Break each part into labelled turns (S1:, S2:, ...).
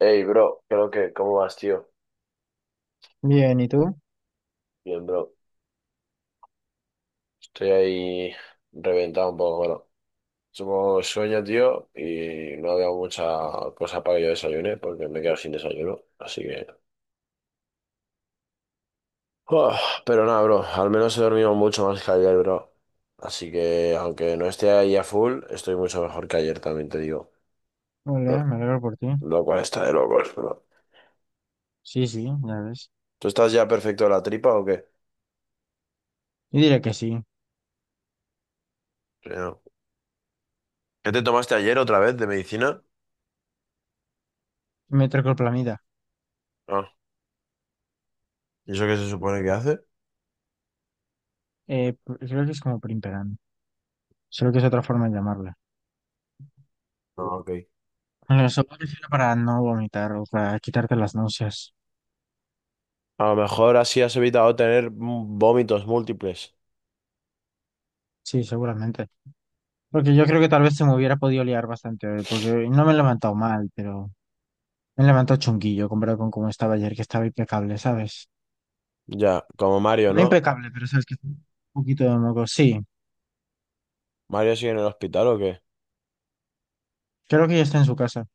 S1: Hey, bro, creo que, ¿cómo vas, tío?
S2: Bien, ¿y tú?
S1: Bien, bro. Estoy ahí reventado un poco, bueno. Supongo sueño, tío, y no había mucha cosa para que yo desayune, porque me quedo sin desayuno, así que... Uf, pero nada, bro, al menos he dormido mucho más que ayer, bro. Así que, aunque no esté ahí a full, estoy mucho mejor que ayer, también te digo. Lo,
S2: Hola, me alegro por ti.
S1: lo cual está de locos, bro.
S2: Sí, sí, ya ves.
S1: ¿Tú estás ya perfecto de la tripa o qué?
S2: Yo diría que sí.
S1: Sí, no. ¿Qué te tomaste ayer otra vez de medicina?
S2: Metroclopramida.
S1: Ah, ¿y eso qué se supone que hace?
S2: Creo que es como primperan. Solo que es otra forma de llamarla.
S1: Ah, ok.
S2: Bueno, eso me refiero para no vomitar o para quitarte las náuseas.
S1: A lo mejor así has evitado tener vómitos múltiples.
S2: Sí, seguramente. Porque yo creo que tal vez se me hubiera podido liar bastante hoy, porque no me he levantado mal, pero me he levantado chunguillo comparado con cómo estaba ayer, que estaba impecable, ¿sabes?
S1: Ya, como Mario,
S2: No
S1: ¿no?
S2: impecable, pero sabes que un poquito de moco. Sí,
S1: ¿Mario sigue en el hospital o qué?
S2: creo que ya está en su casa.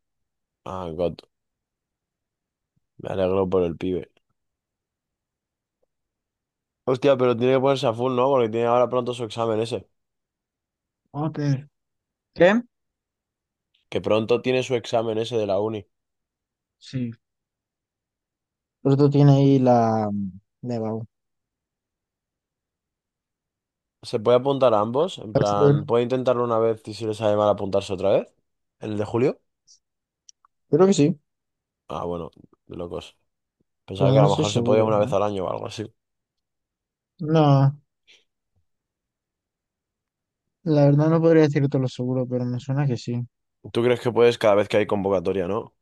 S1: Ah, God, me alegro por el pibe. Hostia, pero tiene que ponerse a full, ¿no? Porque tiene ahora pronto su examen ese.
S2: Ok. ¿Qué?
S1: Que pronto tiene su examen ese de la uni.
S2: Sí. Pero tiene ahí la Nevado.
S1: ¿Se puede apuntar a ambos? En
S2: Bachelor.
S1: plan, ¿puede intentarlo una vez y si le sale mal apuntarse otra vez? ¿El de julio?
S2: Creo que sí,
S1: Ah, bueno, de locos. Pensaba
S2: pero
S1: que a
S2: no
S1: lo
S2: estoy
S1: mejor se podía
S2: seguro,
S1: una vez
S2: ¿no?
S1: al año o algo así.
S2: No, la verdad no podría decirte lo seguro, pero me suena que sí.
S1: ¿Tú crees que puedes cada vez que hay convocatoria, no?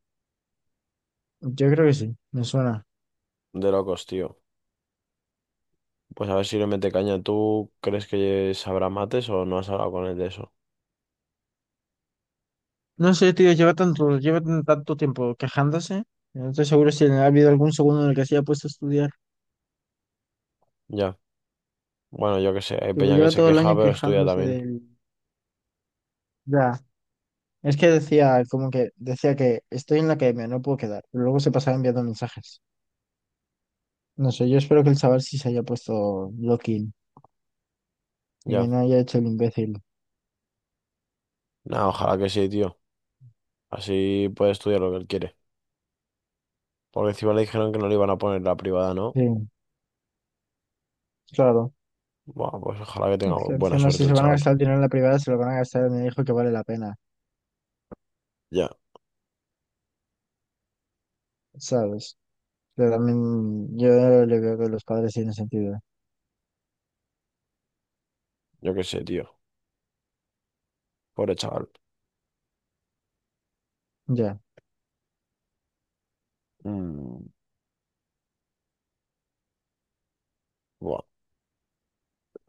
S2: Yo creo que sí, me suena.
S1: De locos, tío. Pues a ver si le mete caña. ¿Tú crees que sabrá mates o no has hablado con él de eso?
S2: No sé, tío, lleva tanto, tanto tiempo quejándose. No estoy seguro si ha habido algún segundo en el que se haya puesto a estudiar.
S1: Ya. Bueno, yo qué sé. Hay
S2: Tipo,
S1: peña que
S2: lleva
S1: se
S2: todo el
S1: queja,
S2: año
S1: pero estudia
S2: quejándose
S1: también.
S2: del… Ya, es que decía, como que decía que estoy en la academia, no puedo quedar. Pero luego se pasaba enviando mensajes. No sé, yo espero que el chaval sí se haya puesto lock-in y que
S1: Ya.
S2: no haya hecho el imbécil.
S1: Nada, ojalá que sí, tío. Así puede estudiar lo que él quiere. Porque encima le dijeron que no le iban a poner la privada, ¿no?
S2: Sí, claro.
S1: Bueno, pues ojalá que
S2: Y
S1: tenga
S2: que
S1: buena
S2: encima, si
S1: suerte
S2: se
S1: el
S2: van a
S1: chaval.
S2: gastar el dinero en la privada, se lo van a gastar en el hijo que vale la pena,
S1: Ya.
S2: ¿sabes? Pero también yo le veo que los padres tienen sentido.
S1: Yo qué sé, tío. Pobre chaval.
S2: Ya,
S1: Mm, buah.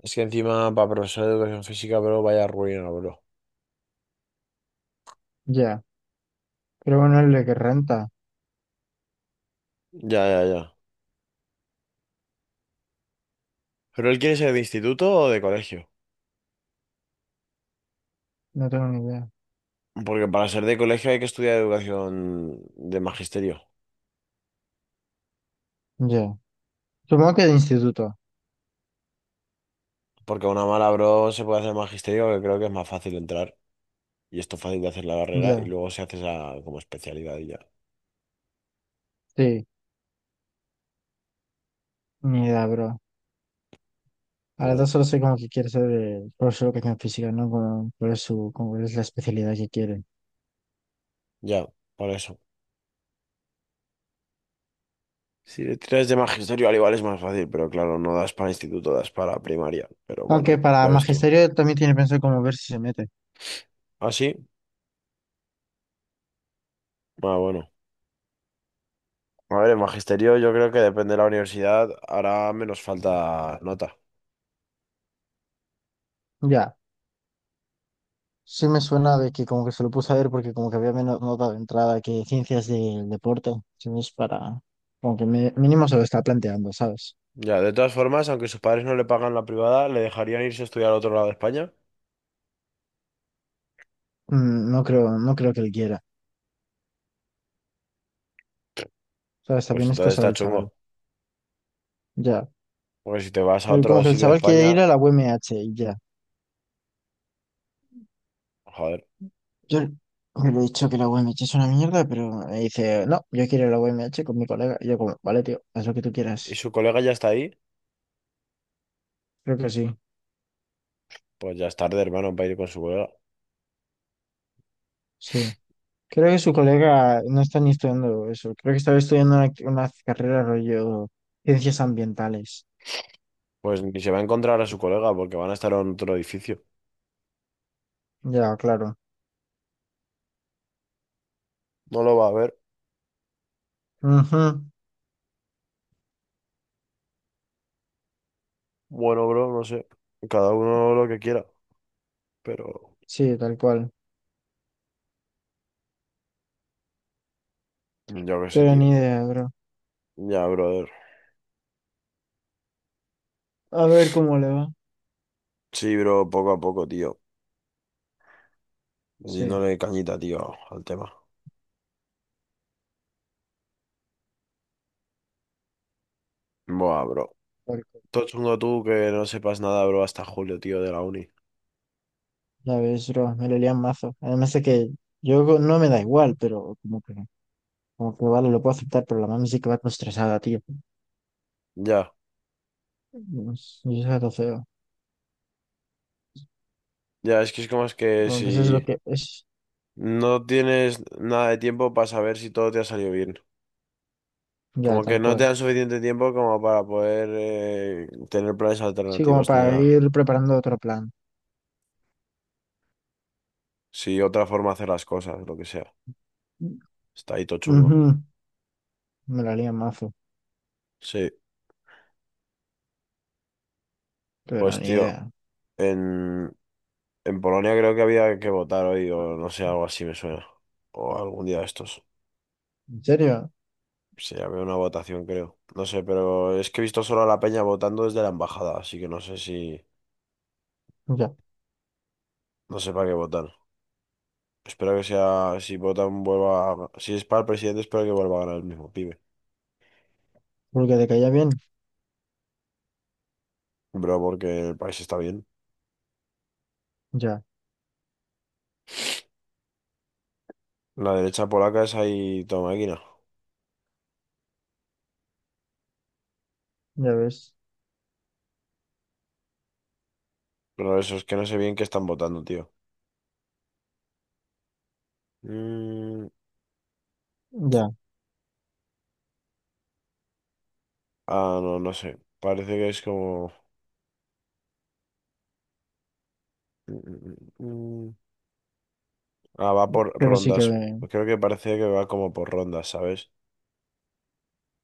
S1: Es que encima para profesor de educación física, bro, vaya ruina, bro.
S2: ya. Pero bueno, el de que renta,
S1: Ya, ya, ya. ¿Pero él quiere ser de instituto o de colegio?
S2: no tengo ni idea.
S1: Porque para ser de colegio hay que estudiar educación de magisterio.
S2: Ya. Supongo que de instituto.
S1: Porque a una mala bro se puede hacer magisterio, que creo que es más fácil entrar. Y esto fácil de hacer la carrera. Y
S2: Ya,
S1: luego se hace esa como especialidad y ya.
S2: sí. Ni idea, bro. A las dos
S1: Bueno,
S2: solo sé como que quiere ser profesor de educación física, ¿no? Como, cuál es su, como cuál es la especialidad que quiere.
S1: ya, por eso. Si le tiras de magisterio, al igual es más fácil. Pero claro, no das para instituto, das para primaria. Pero bueno,
S2: Aunque para
S1: ya ves tú.
S2: magisterio también tiene pensado como ver si se mete.
S1: ¿Ah, sí? Ah, bueno. A ver, en magisterio yo creo que depende de la universidad, hará menos falta nota.
S2: Ya. Sí me suena de que como que se lo puse a ver porque como que había menos nota de entrada que ciencias del deporte. Entonces para, como que mínimo se lo está planteando, ¿sabes?
S1: Ya, de todas formas, aunque sus padres no le pagan la privada, le dejarían irse a estudiar a otro lado de España.
S2: No creo, no creo que él quiera. O ¿sabes?
S1: Pues
S2: También es
S1: entonces
S2: cosa
S1: está
S2: del chaval.
S1: chungo.
S2: Ya.
S1: Porque si te vas a
S2: Él como
S1: otro
S2: que el
S1: sitio de
S2: chaval quiere ir
S1: España,
S2: a la UMH y ya.
S1: joder,
S2: Yo le he dicho que la UMH es una mierda, pero me dice, no, yo quiero ir a la UMH con mi colega. Y yo como, vale, tío, haz lo que tú
S1: y
S2: quieras.
S1: su colega ya está ahí,
S2: Creo que sí,
S1: pues ya es tarde, hermano, para ir con su colega.
S2: sí. Creo que su colega no está ni estudiando eso. Creo que estaba estudiando una carrera rollo ciencias ambientales.
S1: Pues ni se va a encontrar a su colega porque van a estar en otro edificio.
S2: Ya, claro.
S1: No lo va a ver.
S2: Ujú.
S1: Bueno, bro, no sé. Cada uno lo que quiera. Pero
S2: Sí, tal cual.
S1: yo qué sé,
S2: Pero
S1: tío.
S2: ni idea, bro.
S1: Ya, brother.
S2: A ver cómo le va.
S1: Sí, bro, poco a poco, tío.
S2: Sí,
S1: Metiéndole cañita, tío, al tema. Buah, bro.
S2: tal cual.
S1: Todo chungo tú que no sepas nada, bro, hasta julio, tío, de la uni.
S2: Ya ves, bro. Me lo lían mazo. Además de que yo no me da igual, pero como que vale, lo puedo aceptar, pero la mami sí que va todo estresada, tío.
S1: Ya,
S2: Y es algo feo.
S1: ya, es que es como es que
S2: Como que eso es lo
S1: si...
S2: que es.
S1: No tienes nada de tiempo para saber si todo te ha salido bien.
S2: Ya,
S1: Como que
S2: tal
S1: no te
S2: cual.
S1: dan suficiente tiempo como para poder tener planes
S2: Sí, como
S1: alternativos ni
S2: para
S1: nada.
S2: ir preparando otro plan.
S1: Si otra forma de hacer las cosas, lo que sea. Está ahí todo chungo.
S2: Ujú. Me la haría mazo,
S1: Sí,
S2: pero
S1: pues
S2: ni
S1: tío,
S2: idea.
S1: en, en Polonia creo que había que votar hoy o no sé, algo así me suena. O algún día de estos.
S2: ¿En serio?
S1: Sí, había una votación, creo. No sé, pero es que he visto solo a la peña votando desde la embajada, así que no sé si...
S2: Ya.
S1: No sé para qué votar. Espero que sea, si votan Si es para el presidente, espero que vuelva a ganar el mismo pibe.
S2: Porque te caía bien.
S1: Bro, porque el país está bien.
S2: Ya,
S1: La derecha polaca es ahí toda máquina.
S2: ya ves.
S1: Pero eso es que no sé bien qué están votando, tío. Mm,
S2: Ya.
S1: ah, no, no sé. Parece que es como... Mm, mm, mm, mm. Ah, va por
S2: Pero sí que.
S1: rondas. Creo que parece que va como por rondas, ¿sabes?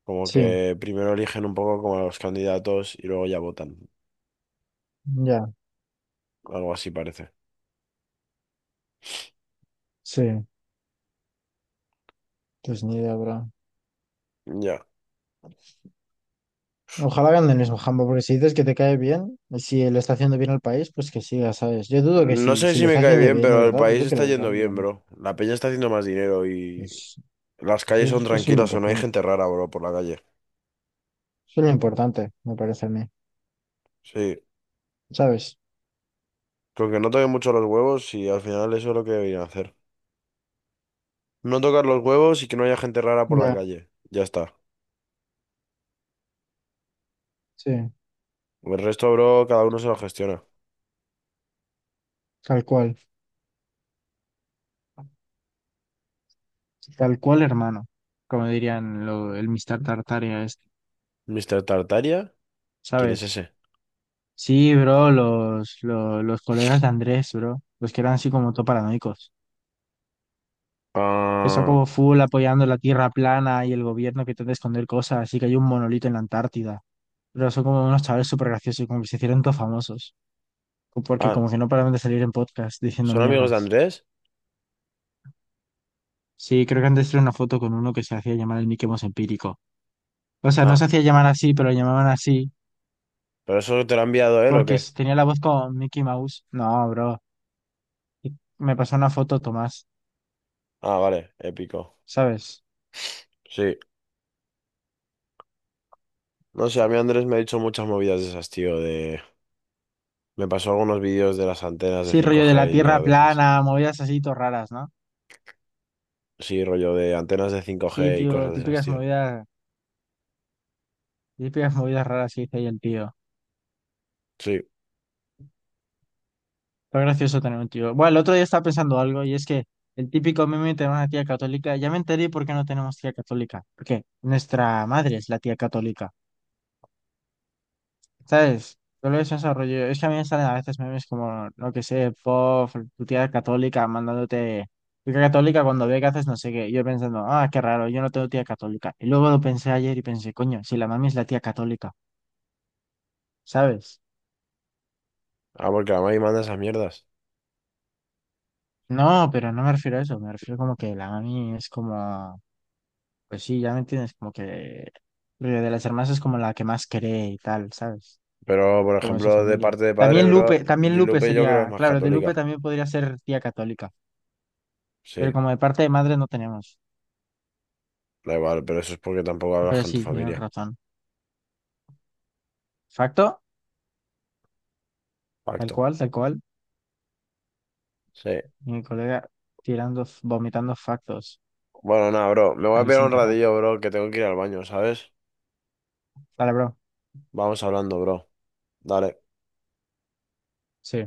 S1: Como
S2: Sí,
S1: que primero eligen un poco como a los candidatos y luego ya votan.
S2: ya,
S1: Algo así parece.
S2: sí. Pues ni idea, bro.
S1: Ya.
S2: Ojalá hagan el mismo jambo, porque si dices que te cae bien, y si le está haciendo bien al país, pues que siga, ¿sabes? Yo dudo que
S1: No
S2: sí,
S1: sé
S2: si lo
S1: si me
S2: está
S1: cae
S2: haciendo
S1: bien,
S2: bien de
S1: pero el
S2: verdad,
S1: país
S2: dudo que
S1: está
S2: lo
S1: yendo bien,
S2: cambien.
S1: bro. La peña está haciendo más dinero y
S2: Pues,
S1: las
S2: pues
S1: calles son
S2: eso es lo
S1: tranquilas o no hay
S2: importante.
S1: gente rara, bro, por la calle.
S2: Eso es lo importante, me parece a mí.
S1: Sí,
S2: ¿Sabes?
S1: con que no toquen mucho los huevos y al final eso es lo que deberían hacer. No tocar los huevos y que no haya gente rara por la
S2: Ya,
S1: calle. Ya está.
S2: sí.
S1: El resto, bro, cada uno se lo gestiona.
S2: Tal cual. Tal cual, hermano. Como dirían lo, el Mr. Tartaria este.
S1: ¿Mr. Tartaria? ¿Quién es
S2: ¿Sabes?
S1: ese?
S2: Sí, bro, los colegas de Andrés, bro, los que eran así como todo paranoicos, que son
S1: Ah,
S2: como full apoyando la tierra plana y el gobierno que intenta esconder cosas, así que hay un monolito en la Antártida, pero son como unos chavales súper graciosos, como que se hicieron todos famosos, porque
S1: ah,
S2: como que no paraban de salir en podcast diciendo
S1: ¿son amigos de
S2: mierdas.
S1: Andrés?
S2: Sí, creo que antes era una foto con uno que se hacía llamar el Mickey Mouse empírico. O sea, no se
S1: Ah,
S2: hacía llamar así, pero lo llamaban así,
S1: ¿pero eso te lo ha enviado él o
S2: porque
S1: qué?
S2: tenía la voz como Mickey Mouse. No, bro, me pasó una foto Tomás,
S1: Ah, vale, épico.
S2: ¿sabes?
S1: Sí. No sé, a mí Andrés me ha dicho muchas movidas de esas, tío, de... Me pasó algunos vídeos de las antenas de
S2: Sí,
S1: cinco
S2: rollo de la
S1: g y
S2: tierra
S1: mierda de esas.
S2: plana, movidas así, todo raras, ¿no?
S1: Sí, rollo de antenas de cinco
S2: Sí,
S1: g y
S2: tío,
S1: cosas de esas, tío.
S2: típicas movidas raras que dice ahí el tío.
S1: Sí.
S2: Pero gracioso tener un tío. Bueno, el otro día estaba pensando algo y es que el típico meme de una tía católica, ya me enteré por qué no tenemos tía católica. Porque nuestra madre es la tía católica. ¿Sabes? Todo eso es rollo. Es que a mí me salen a veces memes como, no que sé, pof, tu tía católica mandándote. Tu tía católica cuando ve que haces no sé qué. Y yo pensando, ah, qué raro, yo no tengo tía católica. Y luego lo pensé ayer y pensé, coño, si la mami es la tía católica, ¿sabes?
S1: Ah, porque la mami manda esas mierdas.
S2: No, pero no me refiero a eso. Me refiero como que la mami es como, pues sí, ya me entiendes, como que. Rollo, de las hermanas es como la que más cree y tal, ¿sabes?
S1: Pero, por
S2: Como de su
S1: ejemplo, de
S2: familia.
S1: parte de padre, bro,
S2: También
S1: y
S2: Lupe
S1: Lupe yo creo que es
S2: sería,
S1: más
S2: claro, de Lupe
S1: católica.
S2: también podría ser tía católica. Pero
S1: Sí,
S2: como de parte de madre no tenemos.
S1: da igual, pero eso es porque tampoco hablas
S2: Pero
S1: con tu
S2: sí, tienes
S1: familia.
S2: razón. Facto, tal
S1: Pacto.
S2: cual, tal cual.
S1: Sí.
S2: Mi colega tirando, vomitando factos.
S1: Bueno, nada, bro. Me voy a
S2: Ahí
S1: pegar
S2: sin
S1: un
S2: parar.
S1: ratillo, bro, que tengo que ir al baño, ¿sabes?
S2: Dale, bro.
S1: Vamos hablando, bro. Dale.
S2: Sí.